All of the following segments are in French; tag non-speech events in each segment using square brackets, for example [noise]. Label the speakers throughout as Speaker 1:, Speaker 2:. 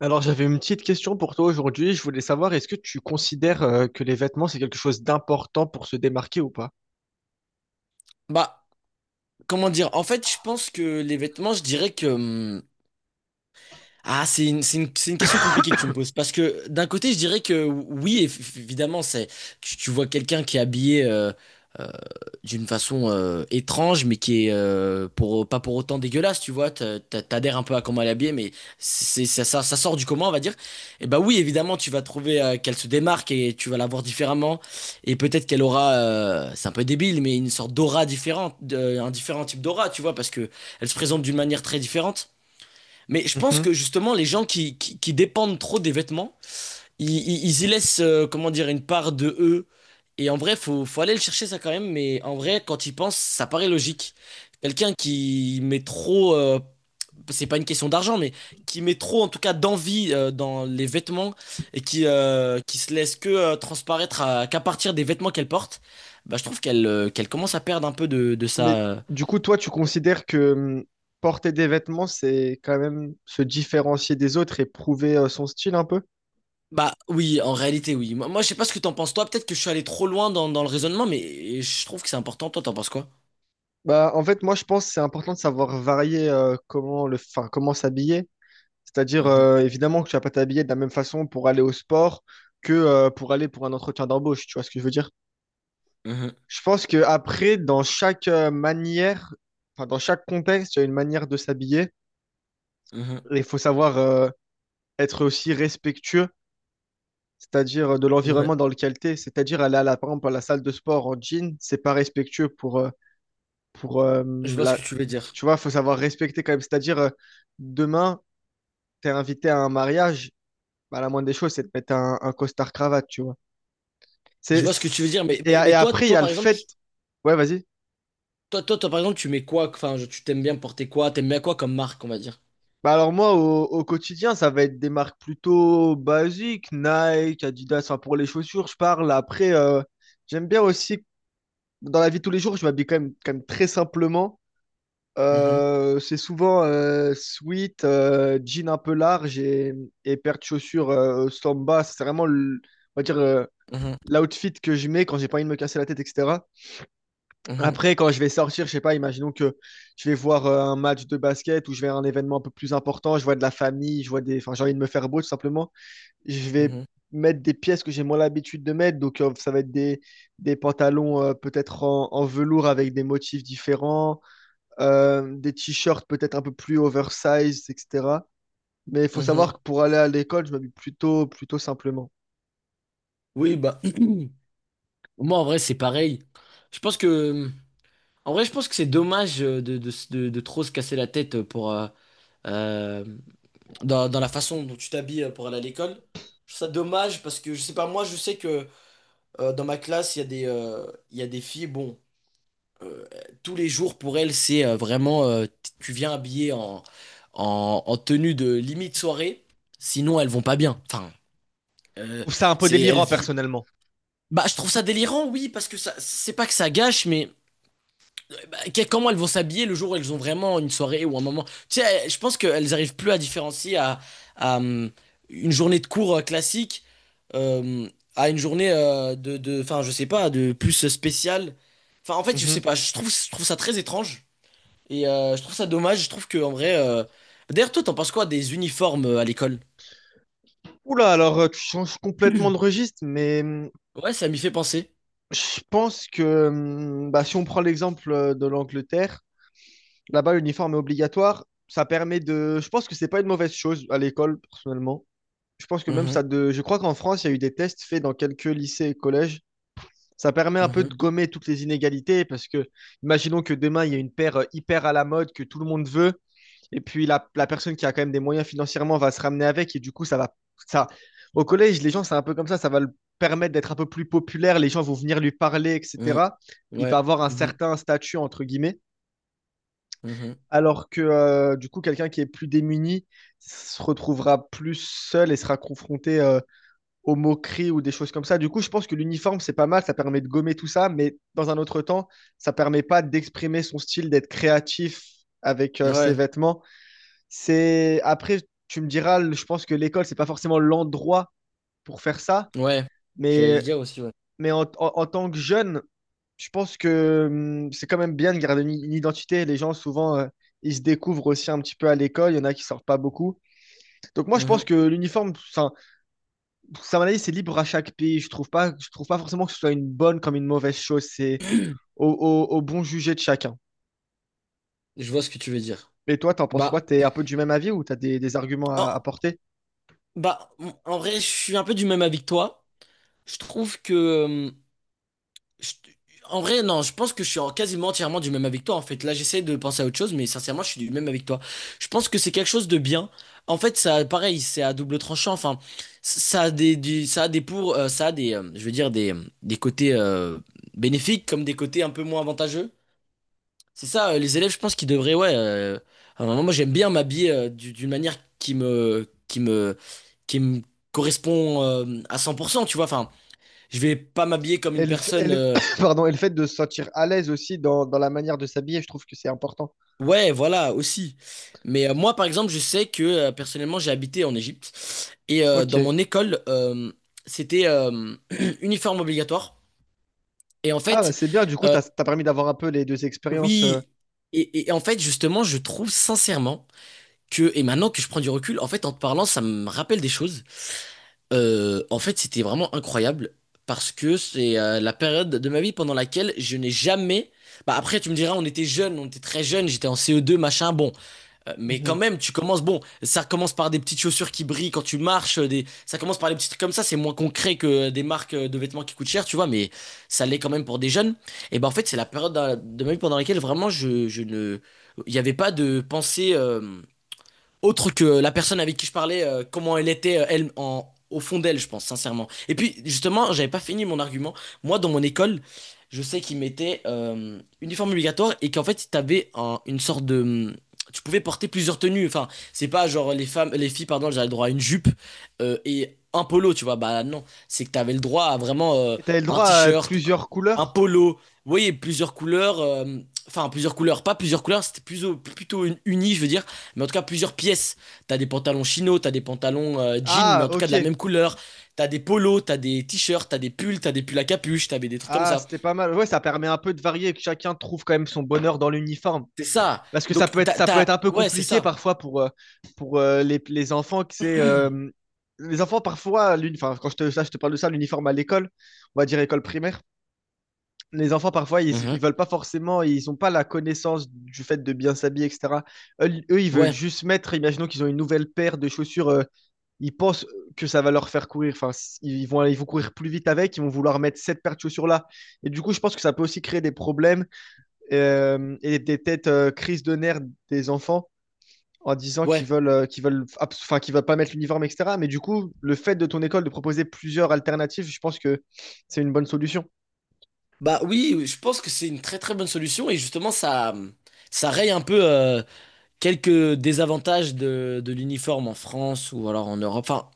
Speaker 1: Alors, j'avais une petite question pour toi aujourd'hui. Je voulais savoir, est-ce que tu considères que les vêtements, c'est quelque chose d'important pour se démarquer ou pas?
Speaker 2: Bah, comment dire? En fait, je pense que les vêtements, je dirais que, c'est une question compliquée que tu me poses. Parce que d'un côté, je dirais que oui, évidemment, c'est, tu vois quelqu'un qui est habillé euh, d'une façon étrange, mais qui est pas pour autant dégueulasse, tu vois. T'adhères un peu à comment elle est habillée, mais ça sort du commun, on va dire. Et bah oui, évidemment, tu vas trouver qu'elle se démarque et tu vas la voir différemment. Et peut-être qu'elle aura, c'est un peu débile, mais une sorte d'aura différente, un différent type d'aura, tu vois, parce que elle se présente d'une manière très différente. Mais je pense
Speaker 1: Mhm.
Speaker 2: que justement, les gens qui dépendent trop des vêtements, ils y laissent, comment dire, une part de eux. Et en vrai, faut aller le chercher ça quand même. Mais en vrai, quand ils pensent, ça paraît logique. Quelqu'un qui met trop, c'est pas une question d'argent, mais qui met trop en tout cas d'envie dans les vêtements et qui se laisse que transparaître qu'à partir des vêtements qu'elle porte, bah, je trouve qu'elle qu'elle commence à perdre un peu de sa,
Speaker 1: Mais du coup, toi, tu considères que porter des vêtements, c'est quand même se différencier des autres et prouver son style un peu?
Speaker 2: Bah oui, en réalité oui. Moi, je sais pas ce que t'en penses toi, peut-être que je suis allé trop loin dans le raisonnement, mais je trouve que c'est important. Toi, t'en penses quoi?
Speaker 1: Bah, en fait, moi, je pense que c'est important de savoir varier comment comment s'habiller. C'est-à-dire,
Speaker 2: Mhm,
Speaker 1: évidemment, que tu vas pas t'habiller de la même façon pour aller au sport que pour aller pour un entretien d'embauche. Tu vois ce que je veux dire?
Speaker 2: mhm,
Speaker 1: Je pense que après, dans chaque manière, enfin, dans chaque contexte, il y a une manière de s'habiller.
Speaker 2: mhm.
Speaker 1: Et il faut savoir être aussi respectueux, c'est-à-dire de
Speaker 2: Ouais,
Speaker 1: l'environnement dans lequel tu es. C'est-à-dire aller à la, par exemple, à la salle de sport en jean, c'est pas respectueux pour
Speaker 2: je vois ce
Speaker 1: la...
Speaker 2: que tu veux dire.
Speaker 1: Tu vois, il faut savoir respecter quand même. C'est-à-dire, demain, tu es invité à un mariage, bah, la moindre des choses, c'est de mettre un costard-cravate, tu vois.
Speaker 2: Je
Speaker 1: C'est...
Speaker 2: vois ce que tu veux
Speaker 1: c'est-
Speaker 2: dire, mais,
Speaker 1: Et,
Speaker 2: mais,
Speaker 1: et
Speaker 2: mais toi,
Speaker 1: après, il y a le
Speaker 2: par exemple,
Speaker 1: fait... Ouais, vas-y.
Speaker 2: toi, par exemple, tu mets quoi? Enfin, tu t'aimes bien porter quoi? T'aimes bien quoi comme marque, on va dire?
Speaker 1: Bah alors moi, au quotidien, ça va être des marques plutôt basiques, Nike, Adidas, enfin pour les chaussures, je parle. Après, j'aime bien aussi, dans la vie de tous les jours, je m'habille quand même très simplement.
Speaker 2: Mhm,
Speaker 1: C'est souvent sweat, jean un peu large et paire de chaussures samba. On va dire,
Speaker 2: mhm,
Speaker 1: l'outfit que je mets quand j'ai pas envie de me casser la tête, etc.
Speaker 2: mhm,
Speaker 1: Après, quand je vais sortir, je sais pas, imaginons que je vais voir un match de basket ou je vais à un événement un peu plus important, je vois de la famille, je vois des, enfin, j'ai envie de me faire beau tout simplement. Je vais
Speaker 2: mhm,
Speaker 1: mettre des pièces que j'ai moins l'habitude de mettre, donc ça va être des pantalons peut-être en, en velours avec des motifs différents, des t-shirts peut-être un peu plus oversize, etc. Mais il faut savoir que
Speaker 2: mhm.
Speaker 1: pour aller à l'école, je m'habille plutôt, plutôt simplement.
Speaker 2: Oui, bah [clears throat] moi en vrai c'est pareil. Je pense que en vrai je pense que c'est dommage de trop se casser la tête pour euh, dans la façon dont tu t'habilles pour aller à l'école. Je trouve ça dommage parce que je sais pas, moi je sais que dans ma classe, il y a des, il y a des filles, bon, euh, tous les jours pour elles, c'est vraiment, tu viens habillé en, en tenue de limite soirée, sinon elles vont pas bien. Enfin,
Speaker 1: Je
Speaker 2: euh,
Speaker 1: trouve ça un peu
Speaker 2: c'est, elles
Speaker 1: délirant
Speaker 2: vi-
Speaker 1: personnellement.
Speaker 2: Bah, je trouve ça délirant, oui, parce que ça, c'est pas que ça gâche, mais. Comment elles vont s'habiller le jour où elles ont vraiment une soirée ou un moment. Tu sais, je pense qu'elles arrivent plus à différencier à, hum, une journée de cours classique euh, à une journée de, enfin, je sais pas, de plus spéciale. Enfin, en fait, je sais
Speaker 1: Mhm.
Speaker 2: pas, je trouve ça très étrange et je trouve ça dommage. Je trouve que en vrai, d'ailleurs, toi, t'en penses quoi des uniformes à l'école?
Speaker 1: Oula, alors tu changes complètement de registre, mais
Speaker 2: Ouais, ça m'y fait penser.
Speaker 1: je pense que bah, si on prend l'exemple de l'Angleterre, là-bas l'uniforme est obligatoire, ça permet de... Je pense que c'est pas une mauvaise chose à l'école, personnellement. Je pense que même
Speaker 2: Mhm,
Speaker 1: ça de... Je crois qu'en France, il y a eu des tests faits dans quelques lycées et collèges. Ça permet un peu
Speaker 2: mhm,
Speaker 1: de gommer toutes les inégalités parce que, imaginons que demain, il y a une paire hyper à la mode que tout le monde veut, et puis la personne qui a quand même des moyens financièrement va se ramener avec, et du coup, ça va. Ça... Au collège, les gens, c'est un peu comme ça va le permettre d'être un peu plus populaire, les gens vont venir lui parler,
Speaker 2: mhm.
Speaker 1: etc. Il
Speaker 2: Ouais,
Speaker 1: va avoir un
Speaker 2: mhm,
Speaker 1: certain statut, entre guillemets,
Speaker 2: mhm.
Speaker 1: alors que, du coup, quelqu'un qui est plus démuni se retrouvera plus seul et sera confronté aux moqueries ou des choses comme ça. Du coup, je pense que l'uniforme, c'est pas mal, ça permet de gommer tout ça, mais dans un autre temps, ça permet pas d'exprimer son style, d'être créatif avec ses
Speaker 2: Ouais,
Speaker 1: vêtements. C'est après, tu me diras, le- je pense que l'école, c'est pas forcément l'endroit pour faire ça,
Speaker 2: ouais. J'allais le
Speaker 1: mais,
Speaker 2: dire aussi, ouais.
Speaker 1: mais en tant que jeune, je pense que c'est quand même bien de garder une identité. Les gens, souvent, ils se découvrent aussi un petit peu à l'école, il y en a qui sortent pas beaucoup. Donc moi, je pense
Speaker 2: Mhm.
Speaker 1: que l'uniforme, c'est ça, à mon avis, c'est libre à chaque pays. Je trouve pas forcément que ce soit une bonne comme une mauvaise chose. C'est
Speaker 2: [clears throat]
Speaker 1: au bon jugé de chacun.
Speaker 2: Je vois ce que tu veux dire.
Speaker 1: Et toi, t'en penses quoi?
Speaker 2: Bah,
Speaker 1: T'es un peu du même avis ou t'as des arguments
Speaker 2: en,
Speaker 1: à apporter?
Speaker 2: Bah, en vrai, je suis un peu du même avec toi. Je trouve que, je- en vrai, non, je pense que je suis quasiment entièrement du même avec toi. En fait, là, j'essaie de penser à autre chose, mais sincèrement, je suis du même avec toi. Je pense que c'est quelque chose de bien. En fait, ça, pareil, c'est à double tranchant. Enfin, ça a des pour, ça a des, je veux dire des côtés bénéfiques comme des côtés un peu moins avantageux. C'est ça, les élèves, je pense qu'ils devraient, ouais. À un moment, moi, j'aime bien m'habiller d'une manière qui me correspond à 100%, tu vois. Enfin, je vais pas m'habiller comme
Speaker 1: Et
Speaker 2: une
Speaker 1: le, f- et
Speaker 2: personne.
Speaker 1: le- [coughs] pardon, et le fait de se sentir à l'aise aussi dans, dans la manière de s'habiller, je trouve que c'est important.
Speaker 2: Ouais, voilà, aussi. Mais moi, par exemple, je sais que personnellement, j'ai habité en Égypte et dans
Speaker 1: Ok.
Speaker 2: mon école, c'était [clears throat] uniforme obligatoire. Et en
Speaker 1: Ah, bah,
Speaker 2: fait,
Speaker 1: c'est bien. Du coup,
Speaker 2: euh,
Speaker 1: t'as, t'as permis d'avoir un peu les deux expériences.
Speaker 2: oui. Et en fait, justement, je trouve sincèrement que, et maintenant que je prends du recul, en fait, en te parlant, ça me rappelle des choses. En fait, c'était vraiment incroyable parce que c'est la période de ma vie pendant laquelle je n'ai jamais. Bah après, tu me diras, on était jeunes, on était très jeunes, j'étais en CE2, machin, bon. Mais quand
Speaker 1: Mhm.
Speaker 2: même, tu commences, bon, ça commence par des petites chaussures qui brillent quand tu marches, ça commence par des petits trucs comme ça, c'est moins concret que des marques de vêtements qui coûtent cher, tu vois, mais ça l'est quand même pour des jeunes. Et ben en fait, c'est la période de ma vie pendant laquelle vraiment je ne. Il n'y avait pas de pensée. Autre que la personne avec qui je parlais, comment elle était, elle, au fond d'elle, je pense, sincèrement. Et puis, justement, j'avais pas fini mon argument. Moi, dans mon école, je sais qu'ils mettaient uniforme obligatoire et qu'en fait, une sorte de. Tu pouvais porter plusieurs tenues. Enfin, c'est pas genre les femmes, les filles, pardon, j'avais le droit à une jupe et un polo, tu vois. Bah non, c'est que t'avais le droit à vraiment
Speaker 1: Et t'avais le
Speaker 2: un
Speaker 1: droit à
Speaker 2: t-shirt,
Speaker 1: plusieurs
Speaker 2: un
Speaker 1: couleurs?
Speaker 2: polo. Vous voyez, plusieurs couleurs. Enfin, plusieurs couleurs, pas plusieurs couleurs, c'était plutôt uni, je veux dire. Mais en tout cas, plusieurs pièces. T'as des pantalons chino, t'as des pantalons jeans, mais
Speaker 1: Ah,
Speaker 2: en tout cas de la
Speaker 1: ok.
Speaker 2: même couleur. T'as des polos, t'as des t-shirts, t'as des pulls à capuche, t'avais des trucs comme
Speaker 1: Ah,
Speaker 2: ça.
Speaker 1: c'était pas mal. Ouais, ça permet un peu de varier et que chacun trouve quand même son bonheur dans l'uniforme.
Speaker 2: C'est ça.
Speaker 1: Parce que ça peut être un peu
Speaker 2: Ouais, c'est
Speaker 1: compliqué
Speaker 2: ça.
Speaker 1: parfois pour les enfants que c'est. Les enfants, parfois, enfin, quand je te, ça, je te parle de ça, l'uniforme à l'école, on va dire école primaire, les enfants, parfois, ils
Speaker 2: Mhm.
Speaker 1: veulent pas forcément, ils n'ont pas la connaissance du fait de bien s'habiller, etc. Eux, ils veulent
Speaker 2: Ouais,
Speaker 1: juste mettre, imaginons qu'ils ont une nouvelle paire de chaussures ils pensent que ça va leur faire courir. Enfin, ils vont courir plus vite avec, ils vont vouloir mettre cette paire de chaussures là. Et du coup, je pense que ça peut aussi créer des problèmes et des têtes crises de nerfs des enfants en disant
Speaker 2: ouais.
Speaker 1: qu'ils veulent, enfin, qu'ils veulent pas mettre l'uniforme, etc. Mais du coup, le fait de ton école de proposer plusieurs alternatives, je pense que c'est une bonne solution.
Speaker 2: Bah oui, oui, je pense que c'est une très très bonne solution et justement, ça raye un peu quelques désavantages de l'uniforme en France ou alors en Europe. Enfin,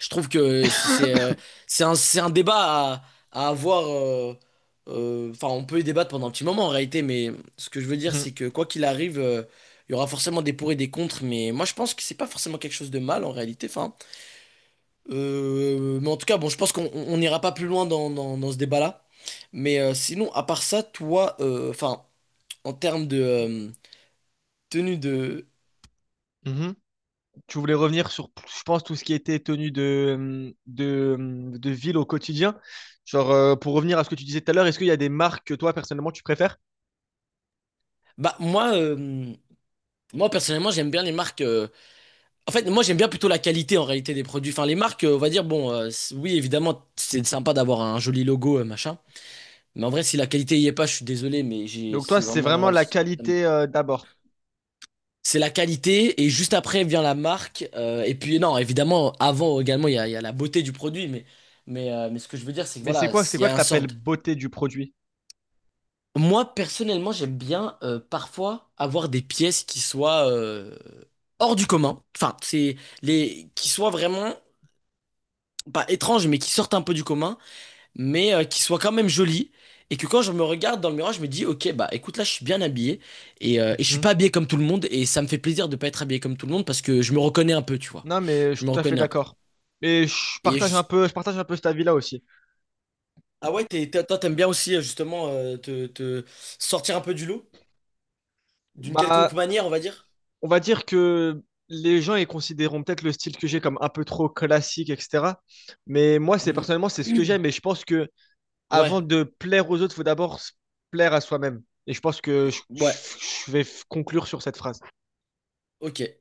Speaker 2: je trouve que c'est un débat à avoir. Enfin, on peut y débattre pendant un petit moment en réalité, mais ce que je veux dire,
Speaker 1: Mhm,
Speaker 2: c'est que quoi qu'il arrive, il y aura forcément des pour et des contre. Mais moi, je pense que c'est pas forcément quelque chose de mal en réalité. Enfin, mais en tout cas, bon, je pense on n'ira pas plus loin dans ce débat-là. Mais sinon, à part ça, toi, enfin, en termes de tenue de.
Speaker 1: mhm. Tu voulais revenir sur, je pense, tout ce qui était tenue de ville au quotidien. Genre, pour revenir à ce que tu disais tout à l'heure, est-ce qu'il y a des marques que toi, personnellement, tu préfères?
Speaker 2: Bah, moi, moi personnellement, j'aime bien les marques. En fait, moi, j'aime bien plutôt la qualité en réalité des produits. Enfin, les marques, on va dire, bon, oui, évidemment, c'est sympa d'avoir un joli logo, machin. Mais en vrai, si la qualité y est pas, je suis désolé, mais j'ai,
Speaker 1: Donc toi,
Speaker 2: c'est
Speaker 1: c'est vraiment
Speaker 2: vraiment.
Speaker 1: la qualité d'abord.
Speaker 2: C'est la qualité, et juste après vient la marque. Et puis, non, évidemment, avant également, il y a la beauté du produit. Mais ce que je veux dire, c'est que
Speaker 1: Mais
Speaker 2: voilà,
Speaker 1: c'est
Speaker 2: il y
Speaker 1: quoi
Speaker 2: a
Speaker 1: que
Speaker 2: un
Speaker 1: tu
Speaker 2: sort
Speaker 1: appelles
Speaker 2: de-
Speaker 1: beauté du produit?
Speaker 2: Moi, personnellement, j'aime bien parfois avoir des pièces qui soient hors du commun. Enfin, c'est les qui soient vraiment pas étranges, mais qui sortent un peu du commun. Mais qui soit quand même jolie. Et que quand je me regarde dans le miroir, je me dis, ok, bah écoute, là, je suis bien habillé. Et je suis
Speaker 1: Mhm.
Speaker 2: pas habillé comme tout le monde. Et ça me fait plaisir de pas être habillé comme tout le monde parce que je me reconnais un peu, tu vois.
Speaker 1: Non, mais je
Speaker 2: Je me
Speaker 1: suis tout à fait
Speaker 2: reconnais un peu.
Speaker 1: d'accord. Et
Speaker 2: Et juste...
Speaker 1: je partage un peu cet avis-là aussi.
Speaker 2: Toi, t'aimes bien aussi, justement, te sortir un peu du lot, d'une quelconque
Speaker 1: Bah,
Speaker 2: manière, on va dire.
Speaker 1: on va dire que les gens ils considéreront peut-être le style que j'ai comme un peu trop classique, etc. Mais moi, c'est
Speaker 2: Mhm.
Speaker 1: personnellement, c'est ce que
Speaker 2: [clears throat]
Speaker 1: j'aime. Et je pense que
Speaker 2: Ouais,
Speaker 1: avant de plaire aux autres, faut d'abord se plaire à soi-même. Et je pense que
Speaker 2: ouais,
Speaker 1: je vais conclure sur cette phrase.
Speaker 2: ok.